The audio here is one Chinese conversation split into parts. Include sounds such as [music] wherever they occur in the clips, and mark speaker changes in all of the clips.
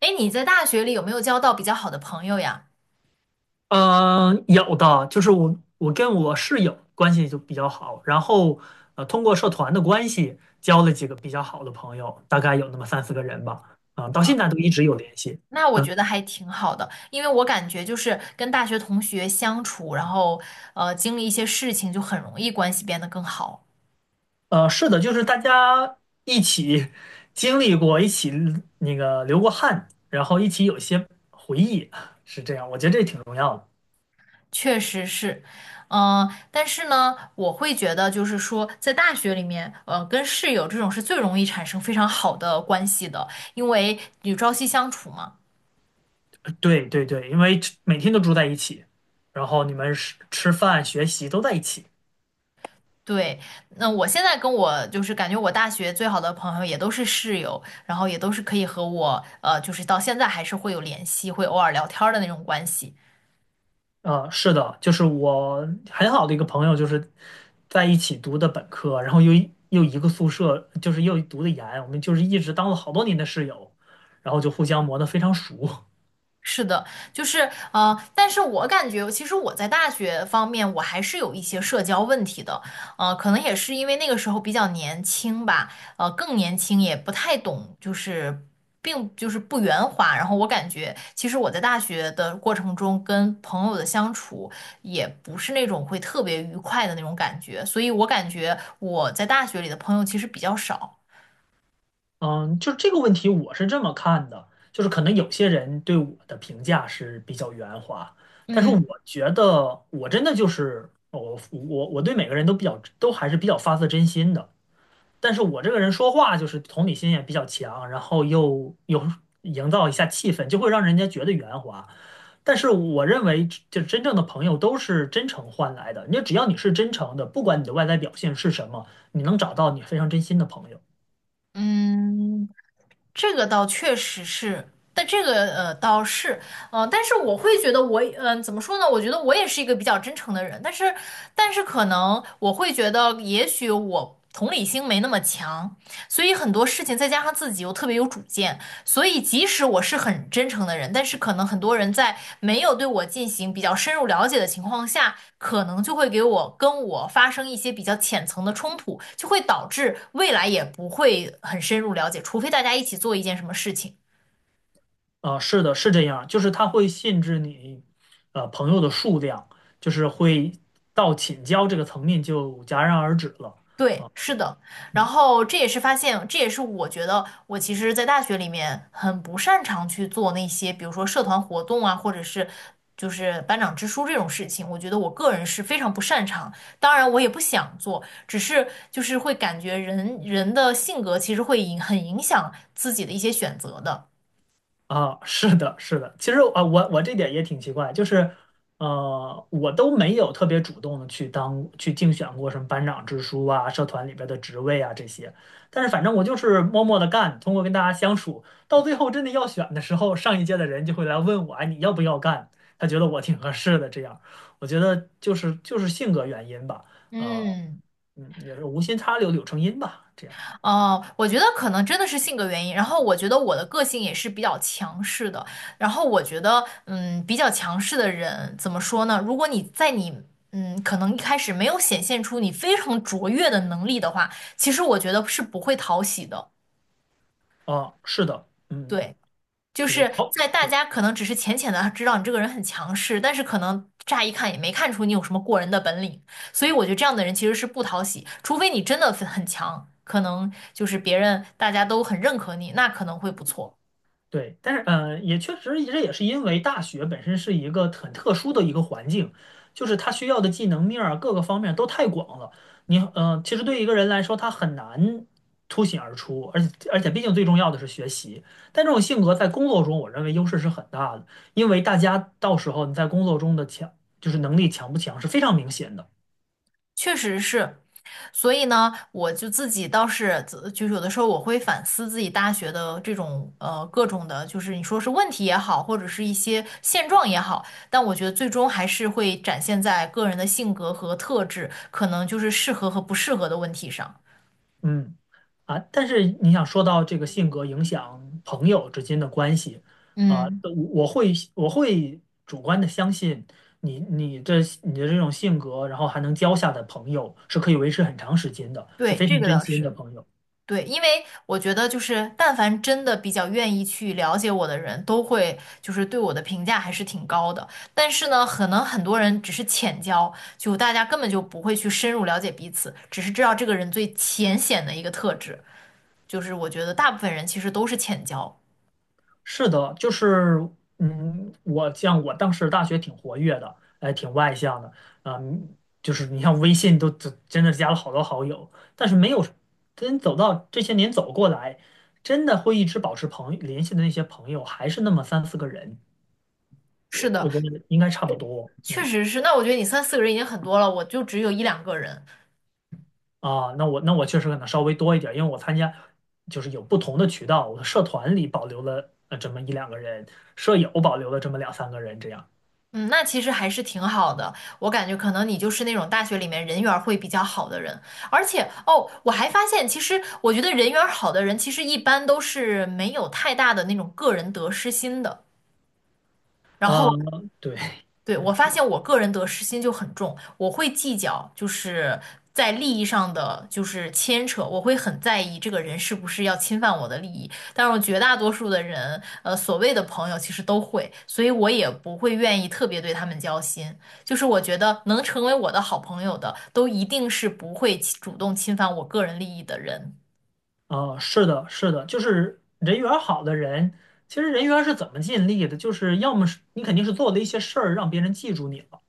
Speaker 1: 哎，你在大学里有没有交到比较好的朋友呀？
Speaker 2: 嗯，有的，就是我跟我室友关系就比较好，然后通过社团的关系交了几个比较好的朋友，大概有那么三四个人吧，啊、到
Speaker 1: 啊，
Speaker 2: 现在都一直有联系。
Speaker 1: 那我
Speaker 2: 嗯，
Speaker 1: 觉得还挺好的，因为我感觉就是跟大学同学相处，然后经历一些事情，就很容易关系变得更好。
Speaker 2: 是的，就是大家一起经历过，一起那个流过汗，然后一起有一些回忆，是这样，我觉得这挺重要的。
Speaker 1: 确实是，嗯、但是呢，我会觉得就是说，在大学里面，跟室友这种是最容易产生非常好的关系的，因为你朝夕相处嘛。
Speaker 2: 对对对，因为每天都住在一起，然后你们吃吃饭、学习都在一起。
Speaker 1: 对，那我现在跟我就是感觉我大学最好的朋友也都是室友，然后也都是可以和我就是到现在还是会有联系，会偶尔聊天儿的那种关系。
Speaker 2: 啊，是的，就是我很好的一个朋友，就是在一起读的本科，然后又一个宿舍，就是又读的研，我们就是一直当了好多年的室友，然后就互相磨得非常熟。
Speaker 1: 是的，就是但是我感觉，其实我在大学方面，我还是有一些社交问题的，可能也是因为那个时候比较年轻吧，更年轻，也不太懂，就是不圆滑。然后我感觉，其实我在大学的过程中，跟朋友的相处也不是那种会特别愉快的那种感觉，所以我感觉我在大学里的朋友其实比较少。
Speaker 2: 嗯，就这个问题，我是这么看的，就是可能有些人对我的评价是比较圆滑，但是我
Speaker 1: 嗯。
Speaker 2: 觉得我真的就是我对每个人都比较都还是比较发自真心的。但是我这个人说话就是同理心也比较强，然后又有营造一下气氛，就会让人家觉得圆滑。但是我认为，就真正的朋友都是真诚换来的。你只要你是真诚的，不管你的外在表现是什么，你能找到你非常真心的朋友。
Speaker 1: 嗯，这个倒确实是，但这个倒是，呃，但是我会觉得我，嗯、怎么说呢？我觉得我也是一个比较真诚的人，但是，但是可能我会觉得，也许我同理心没那么强，所以很多事情再加上自己又特别有主见，所以即使我是很真诚的人，但是可能很多人在没有对我进行比较深入了解的情况下，可能就会给我跟我发生一些比较浅层的冲突，就会导致未来也不会很深入了解，除非大家一起做一件什么事情。
Speaker 2: 啊、是的，是这样，就是他会限制你，朋友的数量，就是会到请教这个层面就戛然而止了。
Speaker 1: 对，是的，然
Speaker 2: 嗯。
Speaker 1: 后这也是发现，这也是我觉得我其实，在大学里面很不擅长去做那些，比如说社团活动啊，或者是就是班长之书这种事情，我觉得我个人是非常不擅长。当然，我也不想做，只是就是会感觉人的性格其实会很影响自己的一些选择的。
Speaker 2: 啊，是的，是的。其实啊，我这点也挺奇怪，就是我都没有特别主动的去竞选过什么班长之书啊、社团里边的职位啊这些，但是反正我就是默默的干，通过跟大家相处，到最后真的要选的时候，上一届的人就会来问我，哎，你要不要干？他觉得我挺合适的，这样，我觉得就是性格原因吧，呃，
Speaker 1: 嗯。
Speaker 2: 也是无心插柳柳成荫吧，这样。
Speaker 1: 哦，我觉得可能真的是性格原因。然后我觉得我的个性也是比较强势的。然后我觉得，嗯，比较强势的人怎么说呢？如果你在你，嗯，可能一开始没有显现出你非常卓越的能力的话，其实我觉得是不会讨喜的。
Speaker 2: 啊，是的，嗯，
Speaker 1: 对。就
Speaker 2: 也
Speaker 1: 是
Speaker 2: 好。
Speaker 1: 在大
Speaker 2: 对
Speaker 1: 家可能只是浅浅的知道你这个人很强势，但是可能乍一看也没看出你有什么过人的本领，所以我觉得这样的人其实是不讨喜，除非你真的很强，可能就是别人大家都很认可你，那可能会不错。
Speaker 2: 对，但是也确实，这也是因为大学本身是一个很特殊的一个环境，就是它需要的技能面儿啊各个方面都太广了。其实对一个人来说，他很难凸显而出，而且，毕竟最重要的是学习。但这种性格在工作中，我认为优势是很大的，因为大家到时候你在工作中的强，就是能力强不强是非常明显的。
Speaker 1: 确实是，所以呢，我就自己倒是就是有的时候我会反思自己大学的这种各种的，就是你说是问题也好，或者是一些现状也好，但我觉得最终还是会展现在个人的性格和特质，可能就是适合和不适合的问题上。
Speaker 2: 嗯。啊，但是你想说到这个性格影响朋友之间的关系，啊，
Speaker 1: 嗯，
Speaker 2: 我会主观的相信你你的这种性格，然后还能交下的朋友是可以维持很长时间的，是
Speaker 1: 对，
Speaker 2: 非
Speaker 1: 这
Speaker 2: 常
Speaker 1: 个
Speaker 2: 真
Speaker 1: 倒
Speaker 2: 心的
Speaker 1: 是。
Speaker 2: 朋友。
Speaker 1: 对，因为我觉得就是，但凡真的比较愿意去了解我的人，都会就是对我的评价还是挺高的。但是呢，可能很多人只是浅交，就大家根本就不会去深入了解彼此，只是知道这个人最浅显的一个特质。就是我觉得大部分人其实都是浅交。
Speaker 2: 是的，就是，我像我当时大学挺活跃的，哎，挺外向的，嗯，就是你像微信都真真的加了好多好友，但是没有真走到这些年走过来，真的会一直保持联系的那些朋友，还是那么三四个人，我
Speaker 1: 是的，
Speaker 2: 我觉得应该差不多，
Speaker 1: 确
Speaker 2: 嗯，
Speaker 1: 实是。那我觉得你三四个人已经很多了，我就只有一两个人，
Speaker 2: 啊，那我确实可能稍微多一点，因为我参加就是有不同的渠道，我的社团里保留了这么一两个人，舍友保留了这么两三个人这样，
Speaker 1: 嗯，那其实还是挺好的。我感觉可能你就是那种大学里面人缘儿会比较好的人，而且哦，我还发现，其实我觉得人缘儿好的人，其实一般都是没有太大的那种个人得失心的，然后
Speaker 2: 嗯，对
Speaker 1: 对，我
Speaker 2: 对。[laughs]
Speaker 1: 发现我个人得失心就很重，我会计较，就是在利益上的就是牵扯，我会很在意这个人是不是要侵犯我的利益。但是我绝大多数的人，所谓的朋友其实都会，所以我也不会愿意特别对他们交心。就是我觉得能成为我的好朋友的，都一定是不会主动侵犯我个人利益的人。
Speaker 2: 啊，是的，是的，就是人缘儿好的人，其实人缘儿是怎么建立的？就是要么是你肯定是做了一些事儿让别人记住你了，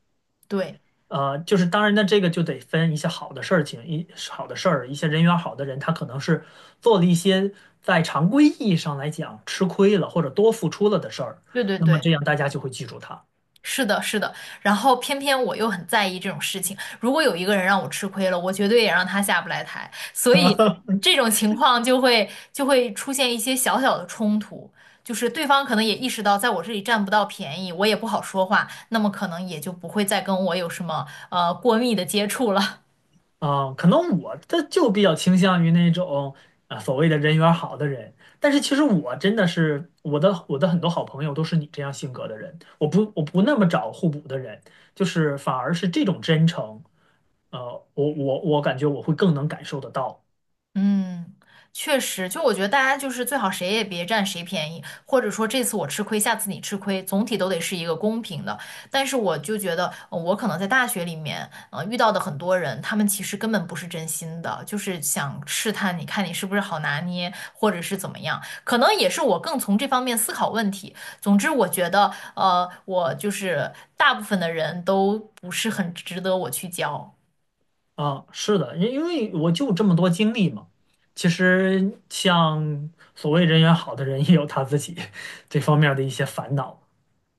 Speaker 1: 对，
Speaker 2: 就是当然呢，这个就得分一些好的事情，一好的事儿，一些人缘儿好的人，他可能是做了一些在常规意义上来讲吃亏了或者多付出了的事儿，
Speaker 1: 对对
Speaker 2: 那么
Speaker 1: 对。
Speaker 2: 这样大家就会记住他。
Speaker 1: 是的，是的，然后偏偏我又很在意这种事情。如果有一个人让我吃亏了，我绝对也让他下不来台。所以这种情况就会出现一些小小的冲突，就是对方可能也意识到在我这里占不到便宜，我也不好说话，那么可能也就不会再跟我有什么过密的接触了。[laughs]
Speaker 2: 啊，可能我这就比较倾向于那种啊所谓的人缘儿好的人，但是其实我真的是我的很多好朋友都是你这样性格的人，我不那么找互补的人，就是反而是这种真诚，呃，我感觉我会更能感受得到
Speaker 1: 嗯，确实，就我觉得大家就是最好谁也别占谁便宜，或者说这次我吃亏，下次你吃亏，总体都得是一个公平的。但是我就觉得，我可能在大学里面，遇到的很多人，他们其实根本不是真心的，就是想试探你看你是不是好拿捏，或者是怎么样。可能也是我更从这方面思考问题。总之，我觉得，我就是大部分的人都不是很值得我去交。
Speaker 2: 啊，是的，因为我就这么多经历嘛，其实像所谓人缘好的人也有他自己 [laughs] 这方面儿的一些烦恼，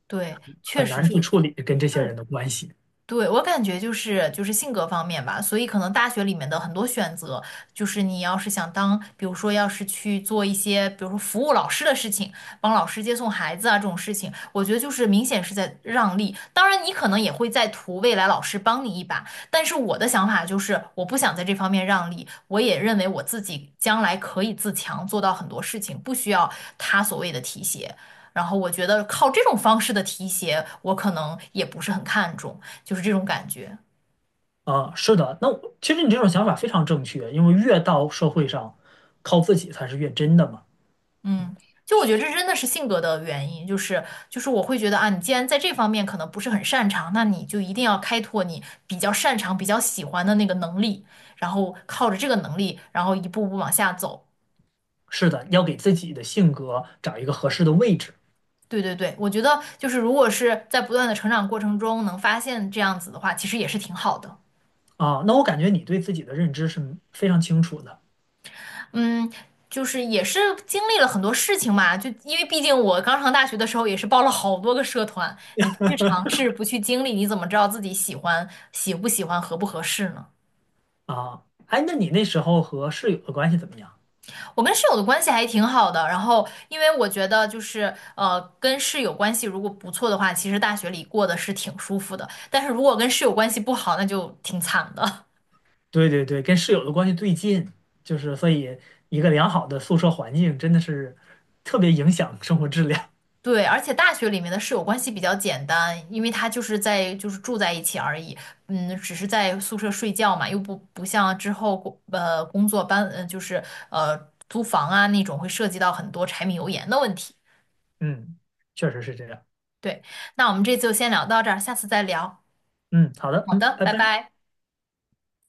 Speaker 1: 对，确
Speaker 2: 很
Speaker 1: 实
Speaker 2: 难
Speaker 1: 是
Speaker 2: 去
Speaker 1: 我，
Speaker 2: 处理跟这些人
Speaker 1: 对。
Speaker 2: 的关系。
Speaker 1: 对，我感觉就是性格方面吧，所以可能大学里面的很多选择，就是你要是想当，比如说要是去做一些，比如说服务老师的事情，帮老师接送孩子啊这种事情，我觉得就是明显是在让利。当然，你可能也会在图未来老师帮你一把，但是我的想法就是，我不想在这方面让利，我也认为我自己将来可以自强，做到很多事情，不需要他所谓的提携。然后我觉得靠这种方式的提携，我可能也不是很看重。就是这种感觉。
Speaker 2: 啊，是的，那我其实你这种想法非常正确，因为越到社会上，靠自己才是越真的嘛。嗯，
Speaker 1: 嗯，就我觉得这真的是性格的原因，就是我会觉得啊，你既然在这方面可能不是很擅长，那你就一定要开拓你比较擅长、比较喜欢的那个能力，然后靠着这个能力，然后一步步往下走。
Speaker 2: 是的，要给自己的性格找一个合适的位置
Speaker 1: 对对对，我觉得就是如果是在不断的成长过程中能发现这样子的话，其实也是挺好的。
Speaker 2: 啊。那我感觉你对自己的认知是非常清楚的
Speaker 1: 嗯，就是也是经历了很多事情嘛，就因为毕竟我刚上大学的时候也是报了好多个社团，你不去尝试，不去经历，你怎么知道自己喜欢、喜不喜欢、合不合适呢？
Speaker 2: 啊。哎，那你那时候和室友的关系怎么样？
Speaker 1: 我跟室友的关系还挺好的，然后因为我觉得就是跟室友关系如果不错的话，其实大学里过得是挺舒服的，但是如果跟室友关系不好，那就挺惨的。
Speaker 2: 对对对，跟室友的关系最近，就是所以一个良好的宿舍环境真的是特别影响生活质量。
Speaker 1: 对，而且大学里面的室友关系比较简单，因为他就是就是住在一起而已，嗯，只是在宿舍睡觉嘛，又不像之后工作就是租房啊那种会涉及到很多柴米油盐的问题。
Speaker 2: [laughs] 嗯，确实是这样。
Speaker 1: 对，那我们这次就先聊到这儿，下次再聊。
Speaker 2: 嗯，好的，
Speaker 1: 好
Speaker 2: 嗯，
Speaker 1: 的，
Speaker 2: 拜
Speaker 1: 拜
Speaker 2: 拜。
Speaker 1: 拜。